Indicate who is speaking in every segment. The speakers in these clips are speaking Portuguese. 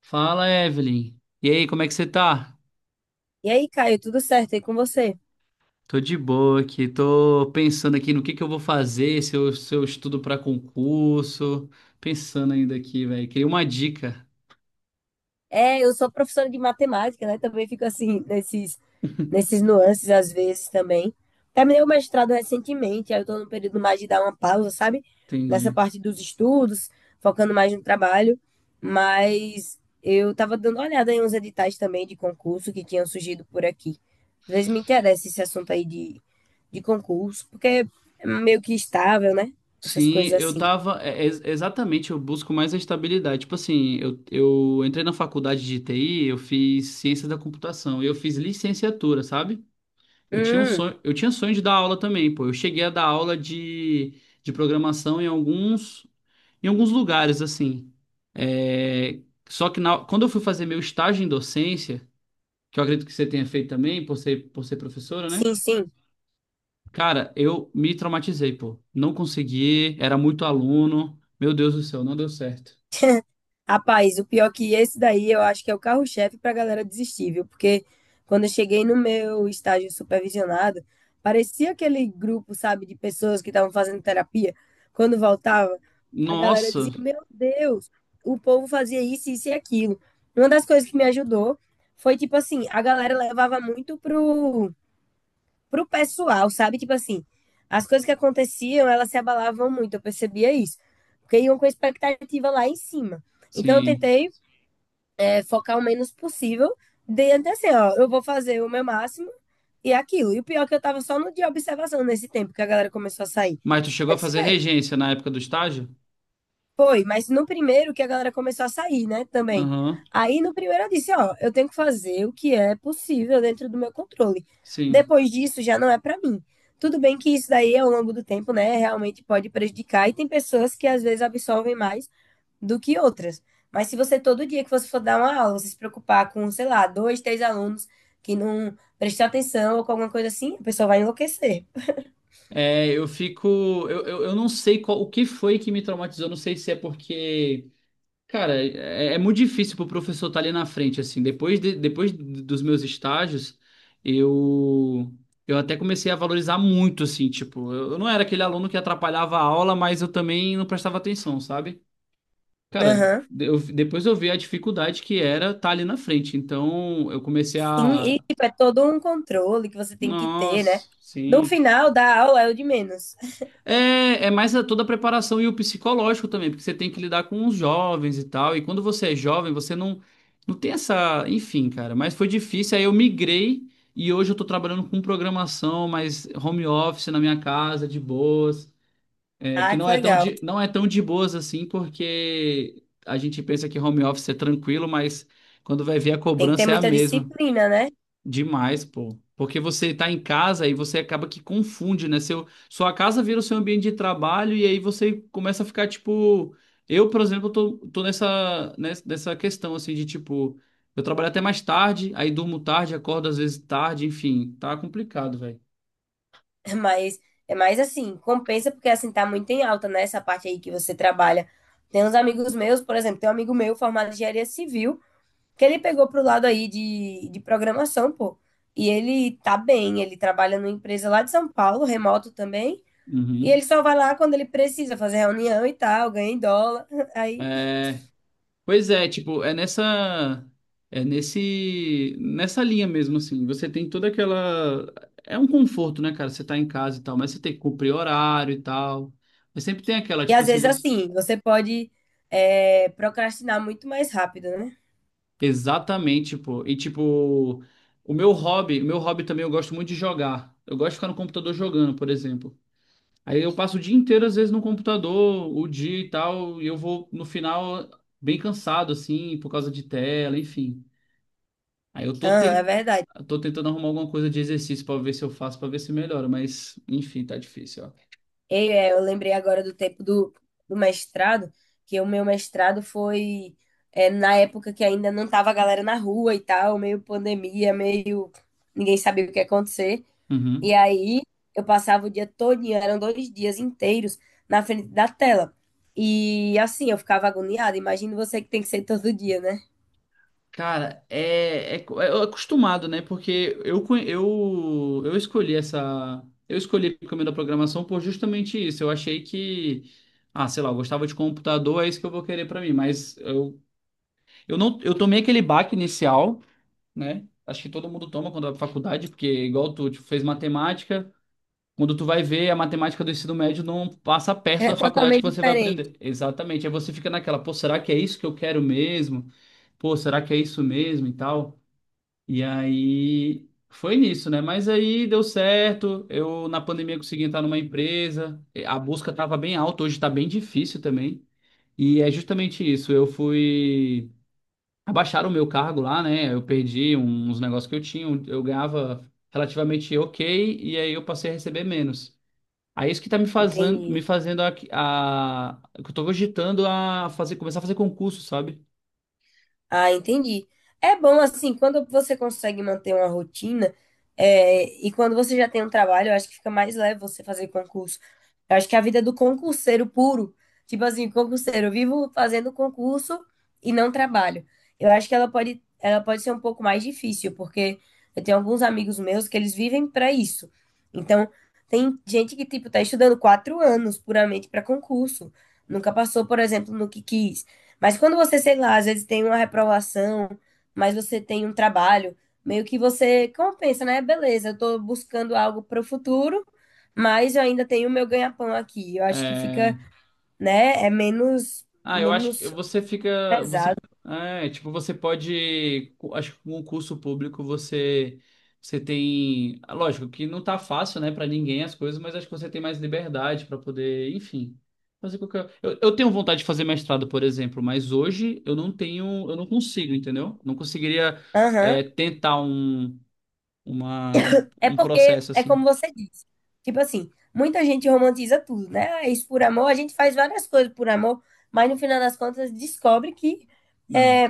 Speaker 1: Fala, Evelyn. E aí, como é que você tá?
Speaker 2: E aí, Caio, tudo certo aí com você?
Speaker 1: Tô de boa aqui, tô pensando aqui no que eu vou fazer, se eu estudo pra concurso. Pensando ainda aqui, velho. Queria uma dica.
Speaker 2: É, eu sou professora de matemática, né? Também fico assim, nesses nuances às vezes também. Terminei o mestrado recentemente, aí eu tô num período mais de dar uma pausa, sabe? Nessa
Speaker 1: Entendi.
Speaker 2: parte dos estudos, focando mais no trabalho. Mas eu tava dando uma olhada em uns editais também de concurso que tinham surgido por aqui. Às vezes me interessa esse assunto aí de concurso, porque é meio que estável, né? Essas
Speaker 1: Sim,
Speaker 2: coisas
Speaker 1: eu
Speaker 2: assim.
Speaker 1: tava. É exatamente, eu busco mais a estabilidade. Tipo assim, eu entrei na faculdade de TI, eu fiz ciência da computação e eu fiz licenciatura, sabe? Eu tinha um
Speaker 2: Hum,
Speaker 1: sonho, eu tinha sonho de dar aula também, pô. Eu cheguei a dar aula de programação em alguns. Em alguns lugares, assim. É, só que quando eu fui fazer meu estágio em docência, que eu acredito que você tenha feito também, por ser professora, né?
Speaker 2: sim, sim.
Speaker 1: Cara, eu me traumatizei, pô. Não consegui, era muito aluno. Meu Deus do céu, não deu certo.
Speaker 2: Rapaz, o pior que esse daí eu acho que é o carro-chefe para a galera desistir, viu? Porque quando eu cheguei no meu estágio supervisionado, parecia aquele grupo, sabe, de pessoas que estavam fazendo terapia. Quando voltava, a galera
Speaker 1: Nossa,
Speaker 2: dizia: Meu Deus, o povo fazia isso, isso e aquilo. Uma das coisas que me ajudou foi, tipo assim, a galera levava muito pro pessoal, sabe? Tipo assim, as coisas que aconteciam, elas se abalavam muito, eu percebia isso. Porque iam com expectativa lá em cima. Então, eu
Speaker 1: sim.
Speaker 2: tentei focar o menos possível, dentro assim, ó, eu vou fazer o meu máximo e aquilo. E o pior é que eu tava só no de observação nesse tempo que a galera começou a sair.
Speaker 1: Mas tu chegou
Speaker 2: Eu
Speaker 1: a
Speaker 2: disse,
Speaker 1: fazer
Speaker 2: véi,
Speaker 1: regência na época do estágio?
Speaker 2: foi, mas no primeiro que a galera começou a sair, né, também.
Speaker 1: Aham,
Speaker 2: Aí no primeiro eu disse, ó, eu tenho que fazer o que é possível dentro do meu controle.
Speaker 1: sim.
Speaker 2: Depois disso já não é pra mim. Tudo bem que isso daí ao longo do tempo, né, realmente pode prejudicar e tem pessoas que às vezes absorvem mais do que outras. Mas se você todo dia que você for dar uma aula, você se preocupar com, sei lá, dois, três alunos que não prestam atenção ou com alguma coisa assim, a pessoa vai enlouquecer.
Speaker 1: É, eu fico. Eu não sei qual, o que foi que me traumatizou. Não sei se é porque cara, é, é muito difícil pro professor estar ali na frente, assim. Depois, depois dos meus estágios, eu, eu até comecei a valorizar muito, assim, tipo, eu não era aquele aluno que atrapalhava a aula, mas eu também não prestava atenção, sabe? Cara,
Speaker 2: Aham.
Speaker 1: depois eu vi a dificuldade que era estar ali na frente. Então, eu comecei
Speaker 2: Sim,
Speaker 1: a.
Speaker 2: e tipo, é todo um controle que você tem que ter, né?
Speaker 1: Nossa,
Speaker 2: No
Speaker 1: sim.
Speaker 2: final da aula é o de menos.
Speaker 1: É, é mais toda a preparação e o psicológico também, porque você tem que lidar com os jovens e tal. E quando você é jovem, você não, não tem essa. Enfim, cara, mas foi difícil. Aí eu migrei e hoje eu tô trabalhando com programação, mas home office na minha casa, de boas. É, que
Speaker 2: Ah,
Speaker 1: não
Speaker 2: que
Speaker 1: é tão
Speaker 2: legal.
Speaker 1: de, não é tão de boas assim, porque a gente pensa que home office é tranquilo, mas quando vai ver a
Speaker 2: Tem que ter
Speaker 1: cobrança é a
Speaker 2: muita
Speaker 1: mesma.
Speaker 2: disciplina, né?
Speaker 1: Demais, pô. Porque você tá em casa e você acaba que confunde, né? Sua casa vira o seu ambiente de trabalho e aí você começa a ficar tipo. Eu, por exemplo, tô nessa questão assim de tipo. Eu trabalho até mais tarde, aí durmo tarde, acordo às vezes tarde, enfim, tá complicado, velho.
Speaker 2: Mas é mais assim, compensa porque assim tá muito em alta, né? Essa parte aí que você trabalha. Tem uns amigos meus, por exemplo, tem um amigo meu formado em engenharia civil, que ele pegou pro lado aí de programação, pô. E ele tá bem, ele trabalha numa empresa lá de São Paulo, remoto também. E ele
Speaker 1: Uhum.
Speaker 2: só vai lá quando ele precisa fazer reunião e tal, ganha em dólar. Aí.
Speaker 1: Pois é, tipo, é nessa nesse nessa linha mesmo assim. Você tem toda aquela é um conforto, né, cara? Você tá em casa e tal, mas você tem que cumprir horário e tal. Mas sempre tem aquela,
Speaker 2: E
Speaker 1: tipo
Speaker 2: às
Speaker 1: assim,
Speaker 2: vezes,
Speaker 1: você
Speaker 2: assim, você pode, procrastinar muito mais rápido, né?
Speaker 1: exatamente, tipo, e tipo, o meu hobby também eu gosto muito de jogar. Eu gosto de ficar no computador jogando, por exemplo. Aí eu passo o dia inteiro às vezes no computador, o dia e tal, e eu vou no final bem cansado assim, por causa de tela, enfim. Aí eu
Speaker 2: Ah, é verdade.
Speaker 1: eu tô tentando arrumar alguma coisa de exercício pra ver se eu faço, pra ver se melhora, mas enfim, tá difícil, ó.
Speaker 2: Eu lembrei agora do tempo do mestrado, que o meu mestrado foi, na época que ainda não tava a galera na rua e tal, meio pandemia, meio ninguém sabia o que ia acontecer. E
Speaker 1: Uhum.
Speaker 2: aí eu passava o dia todo, eram 2 dias inteiros na frente da tela. E assim, eu ficava agoniada. Imagina você que tem que ser todo dia, né?
Speaker 1: Cara, é, é, é acostumado, né? Porque eu escolhi essa. Eu escolhi o caminho da programação por justamente isso. Eu achei que. Ah, sei lá, eu gostava de computador, é isso que eu vou querer pra mim. Mas eu não, eu tomei aquele baque inicial, né? Acho que todo mundo toma quando vai pra faculdade, porque igual tu, tipo, fez matemática. Quando tu vai ver, a matemática do ensino médio não passa perto
Speaker 2: É
Speaker 1: da faculdade que
Speaker 2: totalmente
Speaker 1: você vai
Speaker 2: diferente.
Speaker 1: aprender. Exatamente. Aí você fica naquela, pô, será que é isso que eu quero mesmo? Pô, será que é isso mesmo e tal? E aí foi nisso, né? Mas aí deu certo. Eu na pandemia consegui entrar numa empresa. A busca tava bem alta, hoje está bem difícil também. E é justamente isso. Eu fui abaixar o meu cargo lá, né? Eu perdi uns negócios que eu tinha, eu ganhava relativamente ok, e aí eu passei a receber menos. Aí é isso que tá me
Speaker 2: Entendi.
Speaker 1: fazendo que eu tô cogitando a fazer, começar a fazer concurso, sabe?
Speaker 2: Ah, entendi. É bom assim, quando você consegue manter uma rotina, e quando você já tem um trabalho, eu acho que fica mais leve você fazer concurso. Eu acho que a vida é do concurseiro puro, tipo assim, concurseiro, eu vivo fazendo concurso e não trabalho. Eu acho que ela pode ser um pouco mais difícil, porque eu tenho alguns amigos meus que eles vivem para isso. Então, tem gente que, tipo, tá estudando 4 anos puramente para concurso. Nunca passou, por exemplo, no que quis. Mas quando você, sei lá, às vezes tem uma reprovação, mas você tem um trabalho, meio que você compensa, né? Beleza, eu tô buscando algo para o futuro, mas eu ainda tenho o meu ganha-pão aqui. Eu acho que
Speaker 1: É,
Speaker 2: fica, né? É menos,
Speaker 1: ah, eu acho que
Speaker 2: menos
Speaker 1: você fica, você,
Speaker 2: pesado.
Speaker 1: é, tipo, você pode, acho que com o curso público você, você tem, lógico que não tá fácil, né, para ninguém as coisas, mas acho que você tem mais liberdade para poder, enfim, fazer qualquer. Eu tenho vontade de fazer mestrado, por exemplo, mas hoje eu não tenho, eu não consigo, entendeu? Não conseguiria, é,
Speaker 2: Aham.
Speaker 1: tentar
Speaker 2: É
Speaker 1: um
Speaker 2: porque,
Speaker 1: processo
Speaker 2: é
Speaker 1: assim.
Speaker 2: como você disse. Tipo assim, muita gente romantiza tudo, né? Ah, é isso por amor, a gente faz várias coisas por amor, mas no final das contas descobre que
Speaker 1: Não.
Speaker 2: é,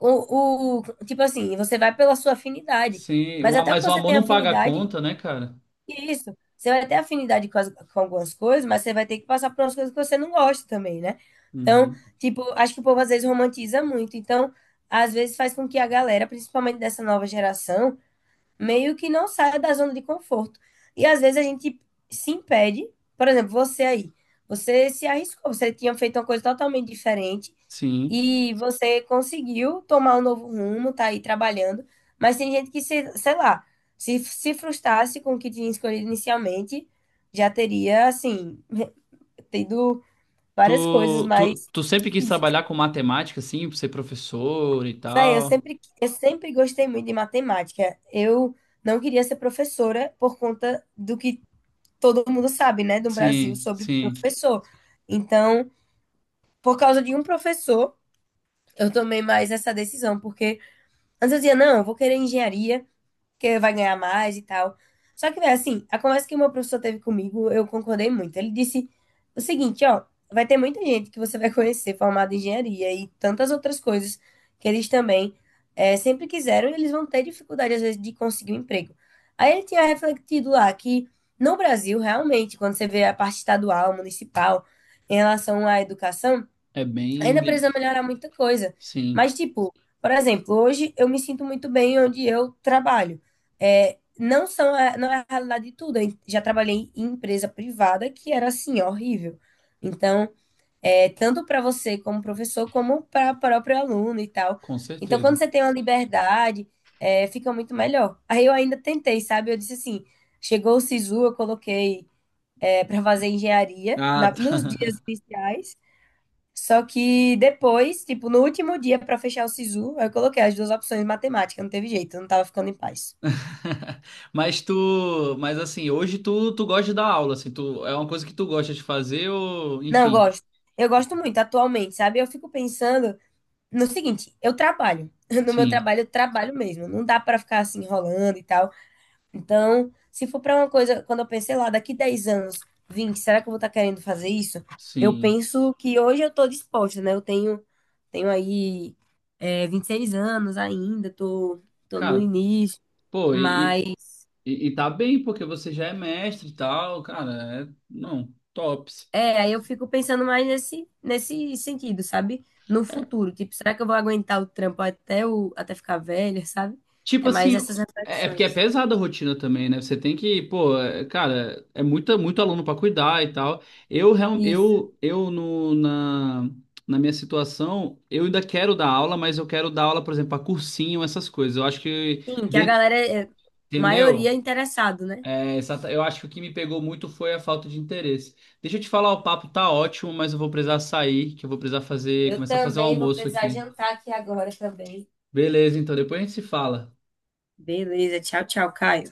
Speaker 2: Tipo assim, você vai pela sua afinidade.
Speaker 1: Sim,
Speaker 2: Mas até que
Speaker 1: mas o
Speaker 2: você
Speaker 1: amor
Speaker 2: tenha
Speaker 1: não paga a
Speaker 2: afinidade,
Speaker 1: conta, né, cara?
Speaker 2: e isso. Você vai ter afinidade com algumas coisas, mas você vai ter que passar por umas coisas que você não gosta também, né? Então,
Speaker 1: Uhum.
Speaker 2: tipo, acho que o povo às vezes romantiza muito. Então, às vezes faz com que a galera, principalmente dessa nova geração, meio que não saia da zona de conforto. E às vezes a gente se impede. Por exemplo, você aí. Você se arriscou, você tinha feito uma coisa totalmente diferente.
Speaker 1: Sim.
Speaker 2: E você conseguiu tomar um novo rumo, tá aí trabalhando, mas tem gente que, se, sei lá, se frustrasse com o que tinha escolhido inicialmente, já teria, assim, tido
Speaker 1: Tu,
Speaker 2: várias coisas
Speaker 1: tu,
Speaker 2: mais
Speaker 1: tu sempre quis
Speaker 2: difíceis.
Speaker 1: trabalhar com matemática, assim, pra ser professor e
Speaker 2: Véi, eu
Speaker 1: tal.
Speaker 2: sempre, eu sempre gostei muito de matemática. Eu não queria ser professora por conta do que todo mundo sabe, né, do Brasil
Speaker 1: Sim,
Speaker 2: sobre
Speaker 1: sim.
Speaker 2: professor. Então, por causa de um professor, eu tomei mais essa decisão, porque antes eu dizia, não, eu vou querer engenharia, que vai ganhar mais e tal. Só que, velho, assim, a conversa que o meu professor teve comigo, eu concordei muito. Ele disse o seguinte, ó, vai ter muita gente que você vai conhecer formada em engenharia e tantas outras coisas que eles também sempre quiseram e eles vão ter dificuldade, às vezes, de conseguir um emprego. Aí ele tinha refletido lá que no Brasil, realmente, quando você vê a parte estadual, municipal, em relação à educação,
Speaker 1: É
Speaker 2: ainda precisa melhorar muita coisa.
Speaker 1: sim,
Speaker 2: Mas, tipo, por exemplo, hoje eu me sinto muito bem onde eu trabalho. É, não é a realidade de tudo. Eu já trabalhei em empresa privada que era assim, horrível. Então, tanto para você como professor, como para o próprio aluno e tal.
Speaker 1: com
Speaker 2: Então, quando
Speaker 1: certeza.
Speaker 2: você tem uma liberdade, fica muito melhor. Aí eu ainda tentei, sabe? Eu disse assim, chegou o SISU, eu coloquei para fazer engenharia
Speaker 1: Ah,
Speaker 2: nos
Speaker 1: tá.
Speaker 2: dias iniciais. Só que depois, tipo, no último dia pra fechar o SISU, eu coloquei as duas opções de matemática, não teve jeito, eu não tava ficando em paz.
Speaker 1: Mas tu. Mas assim, hoje tu, tu gosta de dar aula, assim, tu, é uma coisa que tu gosta de fazer ou.
Speaker 2: Não, eu
Speaker 1: Enfim.
Speaker 2: gosto. Eu gosto muito atualmente, sabe? Eu fico pensando no seguinte, eu trabalho. No meu
Speaker 1: Sim,
Speaker 2: trabalho, eu trabalho mesmo. Não dá pra ficar assim enrolando e tal. Então, se for para uma coisa, quando eu pensei lá, daqui 10 anos, 20, será que eu vou estar querendo fazer isso? Eu
Speaker 1: sim.
Speaker 2: penso que hoje eu estou disposta, né? Eu tenho aí, 26 anos ainda, tô no
Speaker 1: Cara,
Speaker 2: início,
Speaker 1: pô, e,
Speaker 2: mas
Speaker 1: E, e tá bem, porque você já é mestre e tal, cara. É, não, tops.
Speaker 2: é, aí eu fico pensando mais nesse sentido, sabe? No futuro, tipo, será que eu vou aguentar o trampo até, até ficar velha, sabe?
Speaker 1: Tipo
Speaker 2: É mais
Speaker 1: assim,
Speaker 2: essas
Speaker 1: é, é porque é
Speaker 2: reflexões.
Speaker 1: pesada a rotina também, né? Você tem que, pô, é, cara, é muita, muito aluno pra cuidar e tal. Eu,
Speaker 2: Isso.
Speaker 1: eu no, na, na minha situação, eu ainda quero dar aula, mas eu quero dar aula, por exemplo, pra cursinho, essas coisas. Eu acho que
Speaker 2: Sim, que a
Speaker 1: dentro,
Speaker 2: galera, é, maioria é
Speaker 1: entendeu?
Speaker 2: interessado, né?
Speaker 1: É, eu acho que o que me pegou muito foi a falta de interesse. Deixa eu te falar, o papo tá ótimo, mas eu vou precisar sair, que eu vou precisar fazer,
Speaker 2: Eu
Speaker 1: começar a fazer o
Speaker 2: também vou
Speaker 1: almoço
Speaker 2: precisar
Speaker 1: aqui.
Speaker 2: jantar aqui agora também.
Speaker 1: Beleza, então depois a gente se fala.
Speaker 2: Beleza, tchau, tchau, Caio.